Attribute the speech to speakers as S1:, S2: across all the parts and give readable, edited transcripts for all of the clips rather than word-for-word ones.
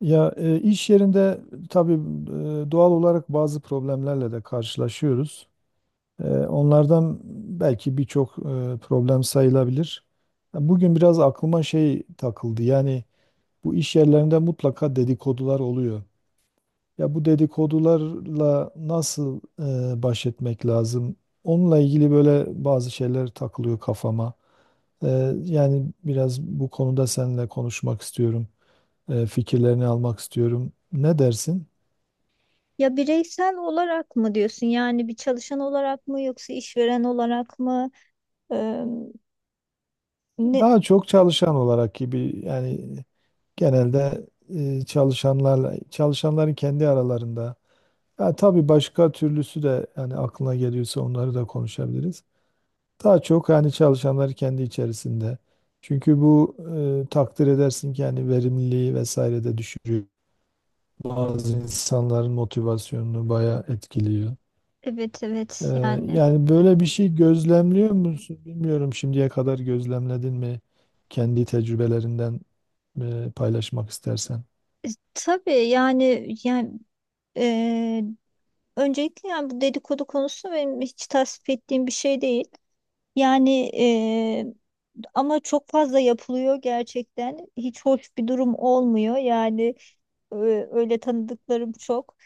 S1: Ya iş yerinde tabii doğal olarak bazı problemlerle de karşılaşıyoruz. Onlardan belki birçok problem sayılabilir. Ya bugün biraz aklıma şey takıldı. Yani bu iş yerlerinde mutlaka dedikodular oluyor. Ya bu dedikodularla nasıl baş etmek lazım? Onunla ilgili böyle bazı şeyler takılıyor kafama. E, Yani biraz bu konuda seninle konuşmak istiyorum. Fikirlerini almak istiyorum. Ne dersin?
S2: Ya bireysel olarak mı diyorsun? Yani bir çalışan olarak mı yoksa işveren olarak mı? Eee, Ne?
S1: Daha çok çalışan olarak gibi yani genelde çalışanlarla çalışanların kendi aralarında. Ya tabii başka türlüsü de yani aklına geliyorsa onları da konuşabiliriz. Daha çok yani çalışanlar kendi içerisinde. Çünkü bu takdir edersin ki yani verimliliği vesaire de düşürüyor. Bazı insanların motivasyonunu bayağı etkiliyor.
S2: Evet, evet.
S1: Yani böyle bir şey gözlemliyor musun? Bilmiyorum şimdiye kadar gözlemledin mi? Kendi tecrübelerinden paylaşmak istersen.
S2: E, tabii yani yani eee, Öncelikle yani bu dedikodu konusu benim hiç tasvip ettiğim bir şey değil. Yani eee, Ama çok fazla yapılıyor gerçekten. Hiç hoş bir durum olmuyor. Öyle tanıdıklarım çok.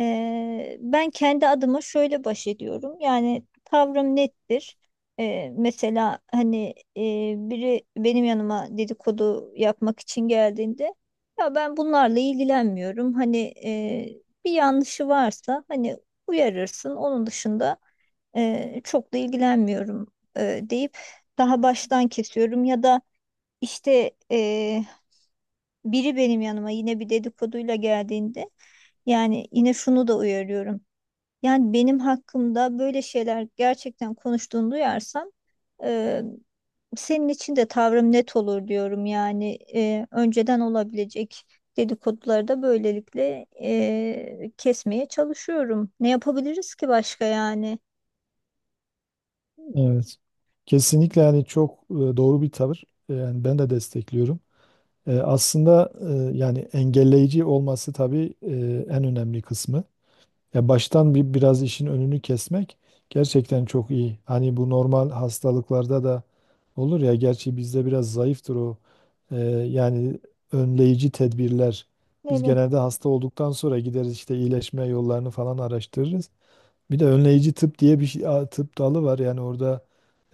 S2: Ben kendi adıma şöyle baş ediyorum. Yani tavrım nettir. Mesela hani, biri benim yanıma dedikodu yapmak için geldiğinde, ya ben bunlarla ilgilenmiyorum. Hani, bir yanlışı varsa hani uyarırsın. Onun dışında çok da ilgilenmiyorum deyip daha baştan kesiyorum, ya da işte, biri benim yanıma yine bir dedikoduyla geldiğinde yani yine şunu da uyarıyorum. Yani benim hakkımda böyle şeyler gerçekten konuştuğunu duyarsam, e, senin için de tavrım net olur diyorum. Yani, önceden olabilecek dedikoduları da böylelikle kesmeye çalışıyorum. Ne yapabiliriz ki başka yani?
S1: Evet. Kesinlikle yani çok doğru bir tavır. Yani ben de destekliyorum. Aslında yani engelleyici olması tabii en önemli kısmı. Ya baştan bir biraz işin önünü kesmek gerçekten çok iyi. Hani bu normal hastalıklarda da olur ya gerçi bizde biraz zayıftır o. Ee, Yani önleyici tedbirler. Biz
S2: Evet,
S1: genelde hasta olduktan sonra gideriz işte iyileşme yollarını falan araştırırız. Bir de önleyici tıp diye bir şey, tıp dalı var. Yani orada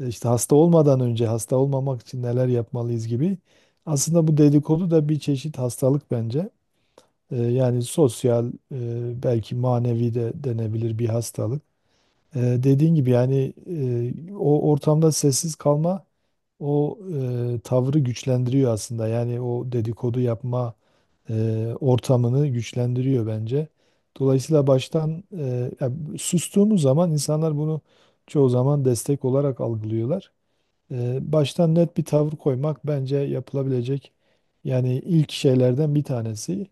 S1: işte hasta olmadan önce hasta olmamak için neler yapmalıyız gibi. Aslında bu dedikodu da bir çeşit hastalık bence. Yani sosyal belki manevi de denebilir bir hastalık. Dediğin gibi yani o ortamda sessiz kalma o tavrı güçlendiriyor aslında. Yani o dedikodu yapma ortamını güçlendiriyor bence. Dolayısıyla baştan sustuğumuz zaman insanlar bunu çoğu zaman destek olarak algılıyorlar. Baştan net bir tavır koymak bence yapılabilecek yani ilk şeylerden bir tanesi.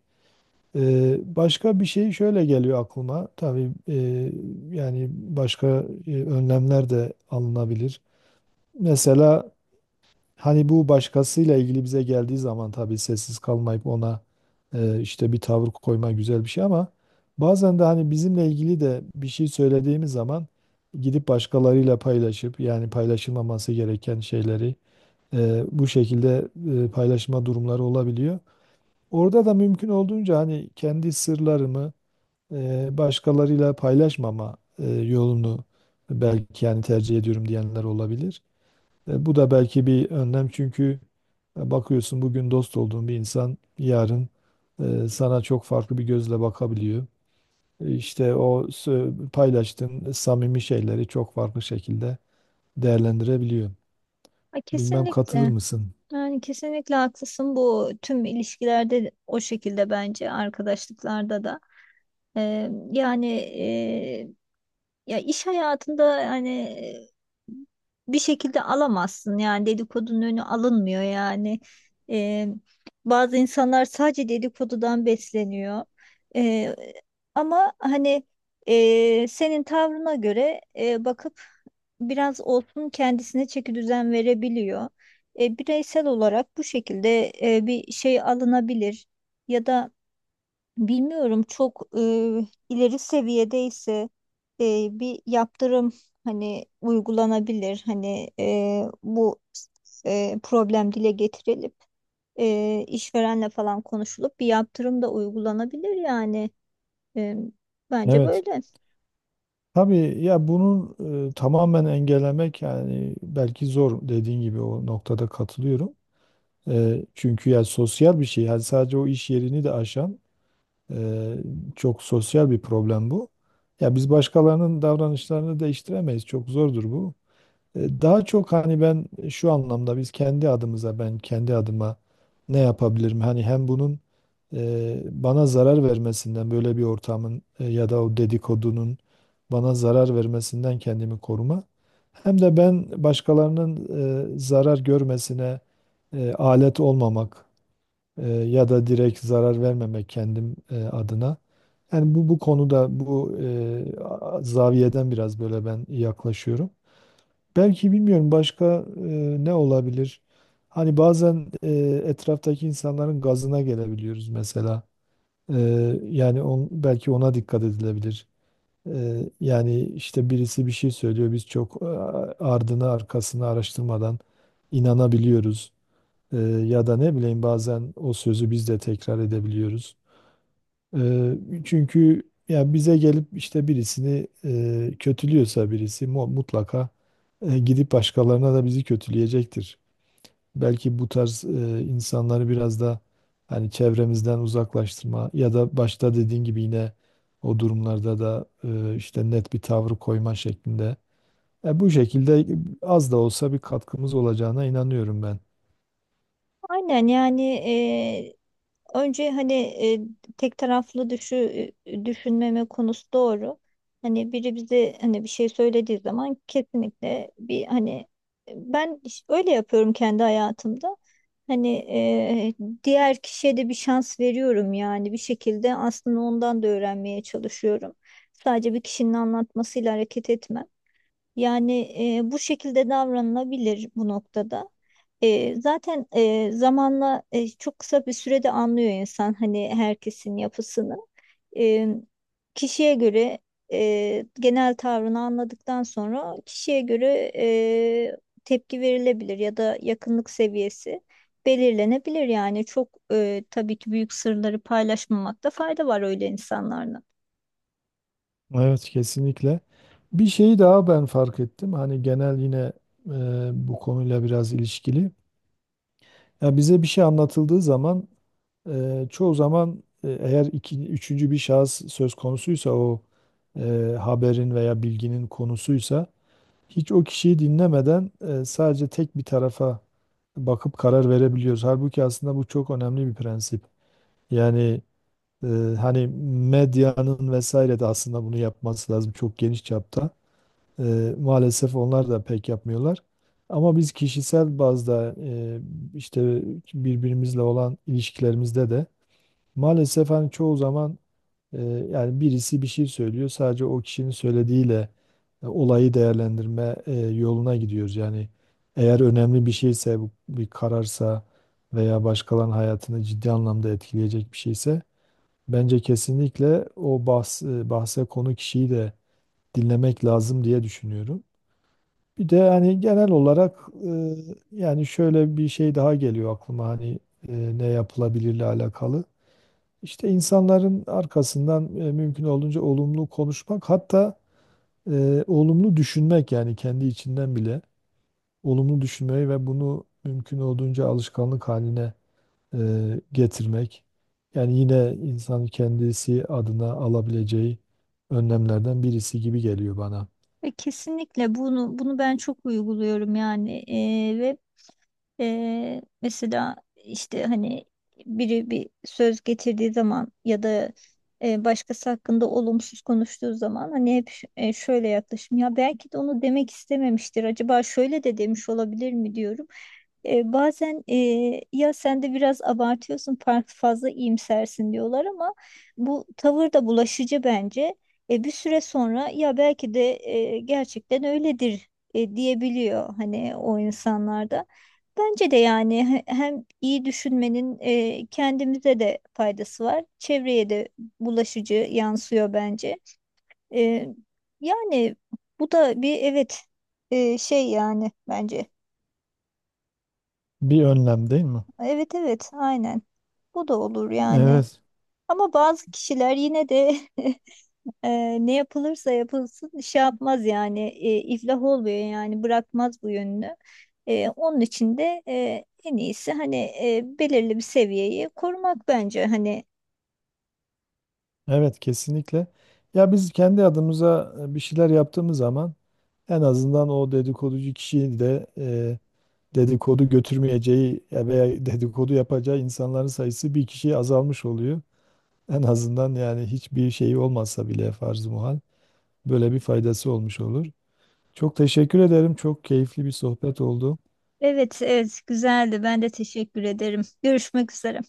S1: Başka bir şey şöyle geliyor aklıma. Tabii yani başka önlemler de alınabilir. Mesela hani bu başkasıyla ilgili bize geldiği zaman tabii sessiz kalmayıp ona işte bir tavır koyma güzel bir şey ama bazen de hani bizimle ilgili de bir şey söylediğimiz zaman gidip başkalarıyla paylaşıp yani paylaşılmaması gereken şeyleri bu şekilde paylaşma durumları olabiliyor. Orada da mümkün olduğunca hani kendi sırlarımı başkalarıyla paylaşmama yolunu belki yani tercih ediyorum diyenler olabilir. Bu da belki bir önlem çünkü bakıyorsun bugün dost olduğun bir insan yarın sana çok farklı bir gözle bakabiliyor. İşte o paylaştığın samimi şeyleri çok farklı şekilde değerlendirebiliyor.
S2: ha,
S1: Bilmem katılır
S2: kesinlikle.
S1: mısın?
S2: Yani kesinlikle haklısın. Bu tüm ilişkilerde o şekilde, bence arkadaşlıklarda da. Yani ya iş hayatında hani bir şekilde alamazsın, yani dedikodunun önü alınmıyor yani. Ee, Bazı insanlar sadece dedikodudan besleniyor. Ee, Ama hani, senin tavrına göre bakıp biraz olsun kendisine çeki düzen verebiliyor. Bireysel olarak bu şekilde bir şey alınabilir, ya da bilmiyorum, çok ileri seviyedeyse bir yaptırım hani uygulanabilir. Hani, bu problem dile getirilip işverenle falan konuşulup bir yaptırım da uygulanabilir yani. E, Bence
S1: Evet.
S2: böyle.
S1: Tabii ya bunun tamamen engellemek yani belki zor dediğin gibi o noktada katılıyorum. Çünkü ya sosyal bir şey. Yani sadece o iş yerini de aşan eee, çok sosyal bir problem bu. Ya biz başkalarının davranışlarını değiştiremeyiz. Çok zordur bu. Daha çok hani ben şu anlamda biz kendi adımıza ben kendi adıma ne yapabilirim? Hani hem bunun bana zarar vermesinden böyle bir ortamın ya da o dedikodunun bana zarar vermesinden kendimi koruma. Hem de ben başkalarının zarar görmesine alet olmamak ya da direkt zarar vermemek kendim adına. Yani bu konuda bu zaviyeden biraz böyle ben yaklaşıyorum. Belki bilmiyorum başka ne olabilir? Hani bazen etraftaki insanların gazına gelebiliyoruz mesela. E, Yani belki ona dikkat edilebilir. Yani işte birisi bir şey söylüyor, biz çok ardını arkasını araştırmadan inanabiliyoruz. E, Ya da ne bileyim bazen o sözü biz de tekrar edebiliyoruz. Eee, Çünkü ya bize gelip işte birisini kötülüyorsa birisi mutlaka gidip başkalarına da bizi kötüleyecektir. Belki bu tarz insanları biraz da hani çevremizden uzaklaştırma ya da başta dediğin gibi yine o durumlarda da işte net bir tavrı koyma şeklinde. Bu şekilde az da olsa bir katkımız olacağına inanıyorum ben.
S2: Aynen yani. Önce hani e, tek taraflı düşü, e, düşünmeme konusu doğru. Hani biri bize hani bir şey söylediği zaman, kesinlikle bir hani, öyle yapıyorum kendi hayatımda. Hani, diğer kişiye de bir şans veriyorum, yani bir şekilde aslında ondan da öğrenmeye çalışıyorum. Sadece bir kişinin anlatmasıyla hareket etmem. Yani, bu şekilde davranılabilir bu noktada. Zaten zamanla, çok kısa bir sürede anlıyor insan hani herkesin yapısını. E, Kişiye göre genel tavrını anladıktan sonra, kişiye göre tepki verilebilir ya da yakınlık seviyesi belirlenebilir. Yani, tabii ki büyük sırları paylaşmamakta fayda var öyle insanlarla.
S1: Evet, kesinlikle. Bir şey daha ben fark ettim. Hani genel yine bu konuyla biraz ilişkili. Ya bize bir şey anlatıldığı zaman çoğu zaman eğer iki, üçüncü bir şahıs söz konusuysa o haberin veya bilginin konusuysa hiç o kişiyi dinlemeden sadece tek bir tarafa bakıp karar verebiliyoruz. Halbuki aslında bu çok önemli bir prensip. Yani e, hani medyanın vesaire de aslında bunu yapması lazım çok geniş çapta. Maalesef onlar da pek yapmıyorlar. Ama biz kişisel bazda işte birbirimizle olan ilişkilerimizde de maalesef hani çoğu zaman yani birisi bir şey söylüyor sadece o kişinin söylediğiyle olayı değerlendirme yoluna gidiyoruz. Yani eğer önemli bir şeyse bu bir kararsa veya başkalarının hayatını ciddi anlamda etkileyecek bir şeyse bence kesinlikle o bahse konu kişiyi de dinlemek lazım diye düşünüyorum. Bir de hani genel olarak e, yani şöyle bir şey daha geliyor aklıma hani ne yapılabilirle alakalı. İşte insanların arkasından mümkün olduğunca olumlu konuşmak hatta olumlu düşünmek yani kendi içinden bile olumlu düşünmeyi ve bunu mümkün olduğunca alışkanlık haline getirmek. Yani yine insan kendisi adına alabileceği önlemlerden birisi gibi geliyor bana.
S2: Kesinlikle bunu ben çok uyguluyorum yani. E, ve. Mesela işte hani biri bir söz getirdiği zaman, ya da başkası hakkında olumsuz konuştuğu zaman, hani hep şöyle yaklaşım ya belki de onu demek istememiştir, acaba şöyle de demiş olabilir mi diyorum. Bazen, ya sen de biraz abartıyorsun, fark fazla iyimsersin diyorlar, ama bu tavır da bulaşıcı bence. Bir süre sonra, ya belki de gerçekten öyledir diyebiliyor hani o insanlarda. Bence de yani hem iyi düşünmenin kendimize de faydası var. Çevreye de bulaşıcı yansıyor bence. E, yani bu da bir, evet, şey yani bence.
S1: Bir önlem değil mi?
S2: Evet, evet, aynen. Bu da olur yani.
S1: Evet,
S2: Ama bazı kişiler yine de Ee, ne yapılırsa yapılsın şey yapmaz yani, iflah olmuyor yani, bırakmaz bu yönünü. Onun için de en iyisi hani belirli bir seviyeyi korumak bence hani.
S1: evet, kesinlikle. Ya biz kendi adımıza bir şeyler yaptığımız zaman en azından o dedikoducu kişiyi de dedikodu götürmeyeceği ya veya dedikodu yapacağı insanların sayısı bir kişiye azalmış oluyor. En azından yani hiçbir şey olmazsa bile farz-ı muhal böyle bir faydası olmuş olur. Çok teşekkür ederim. Çok keyifli bir sohbet oldu.
S2: Evet, evet, güzeldi, ben de teşekkür ederim. Görüşmek üzere.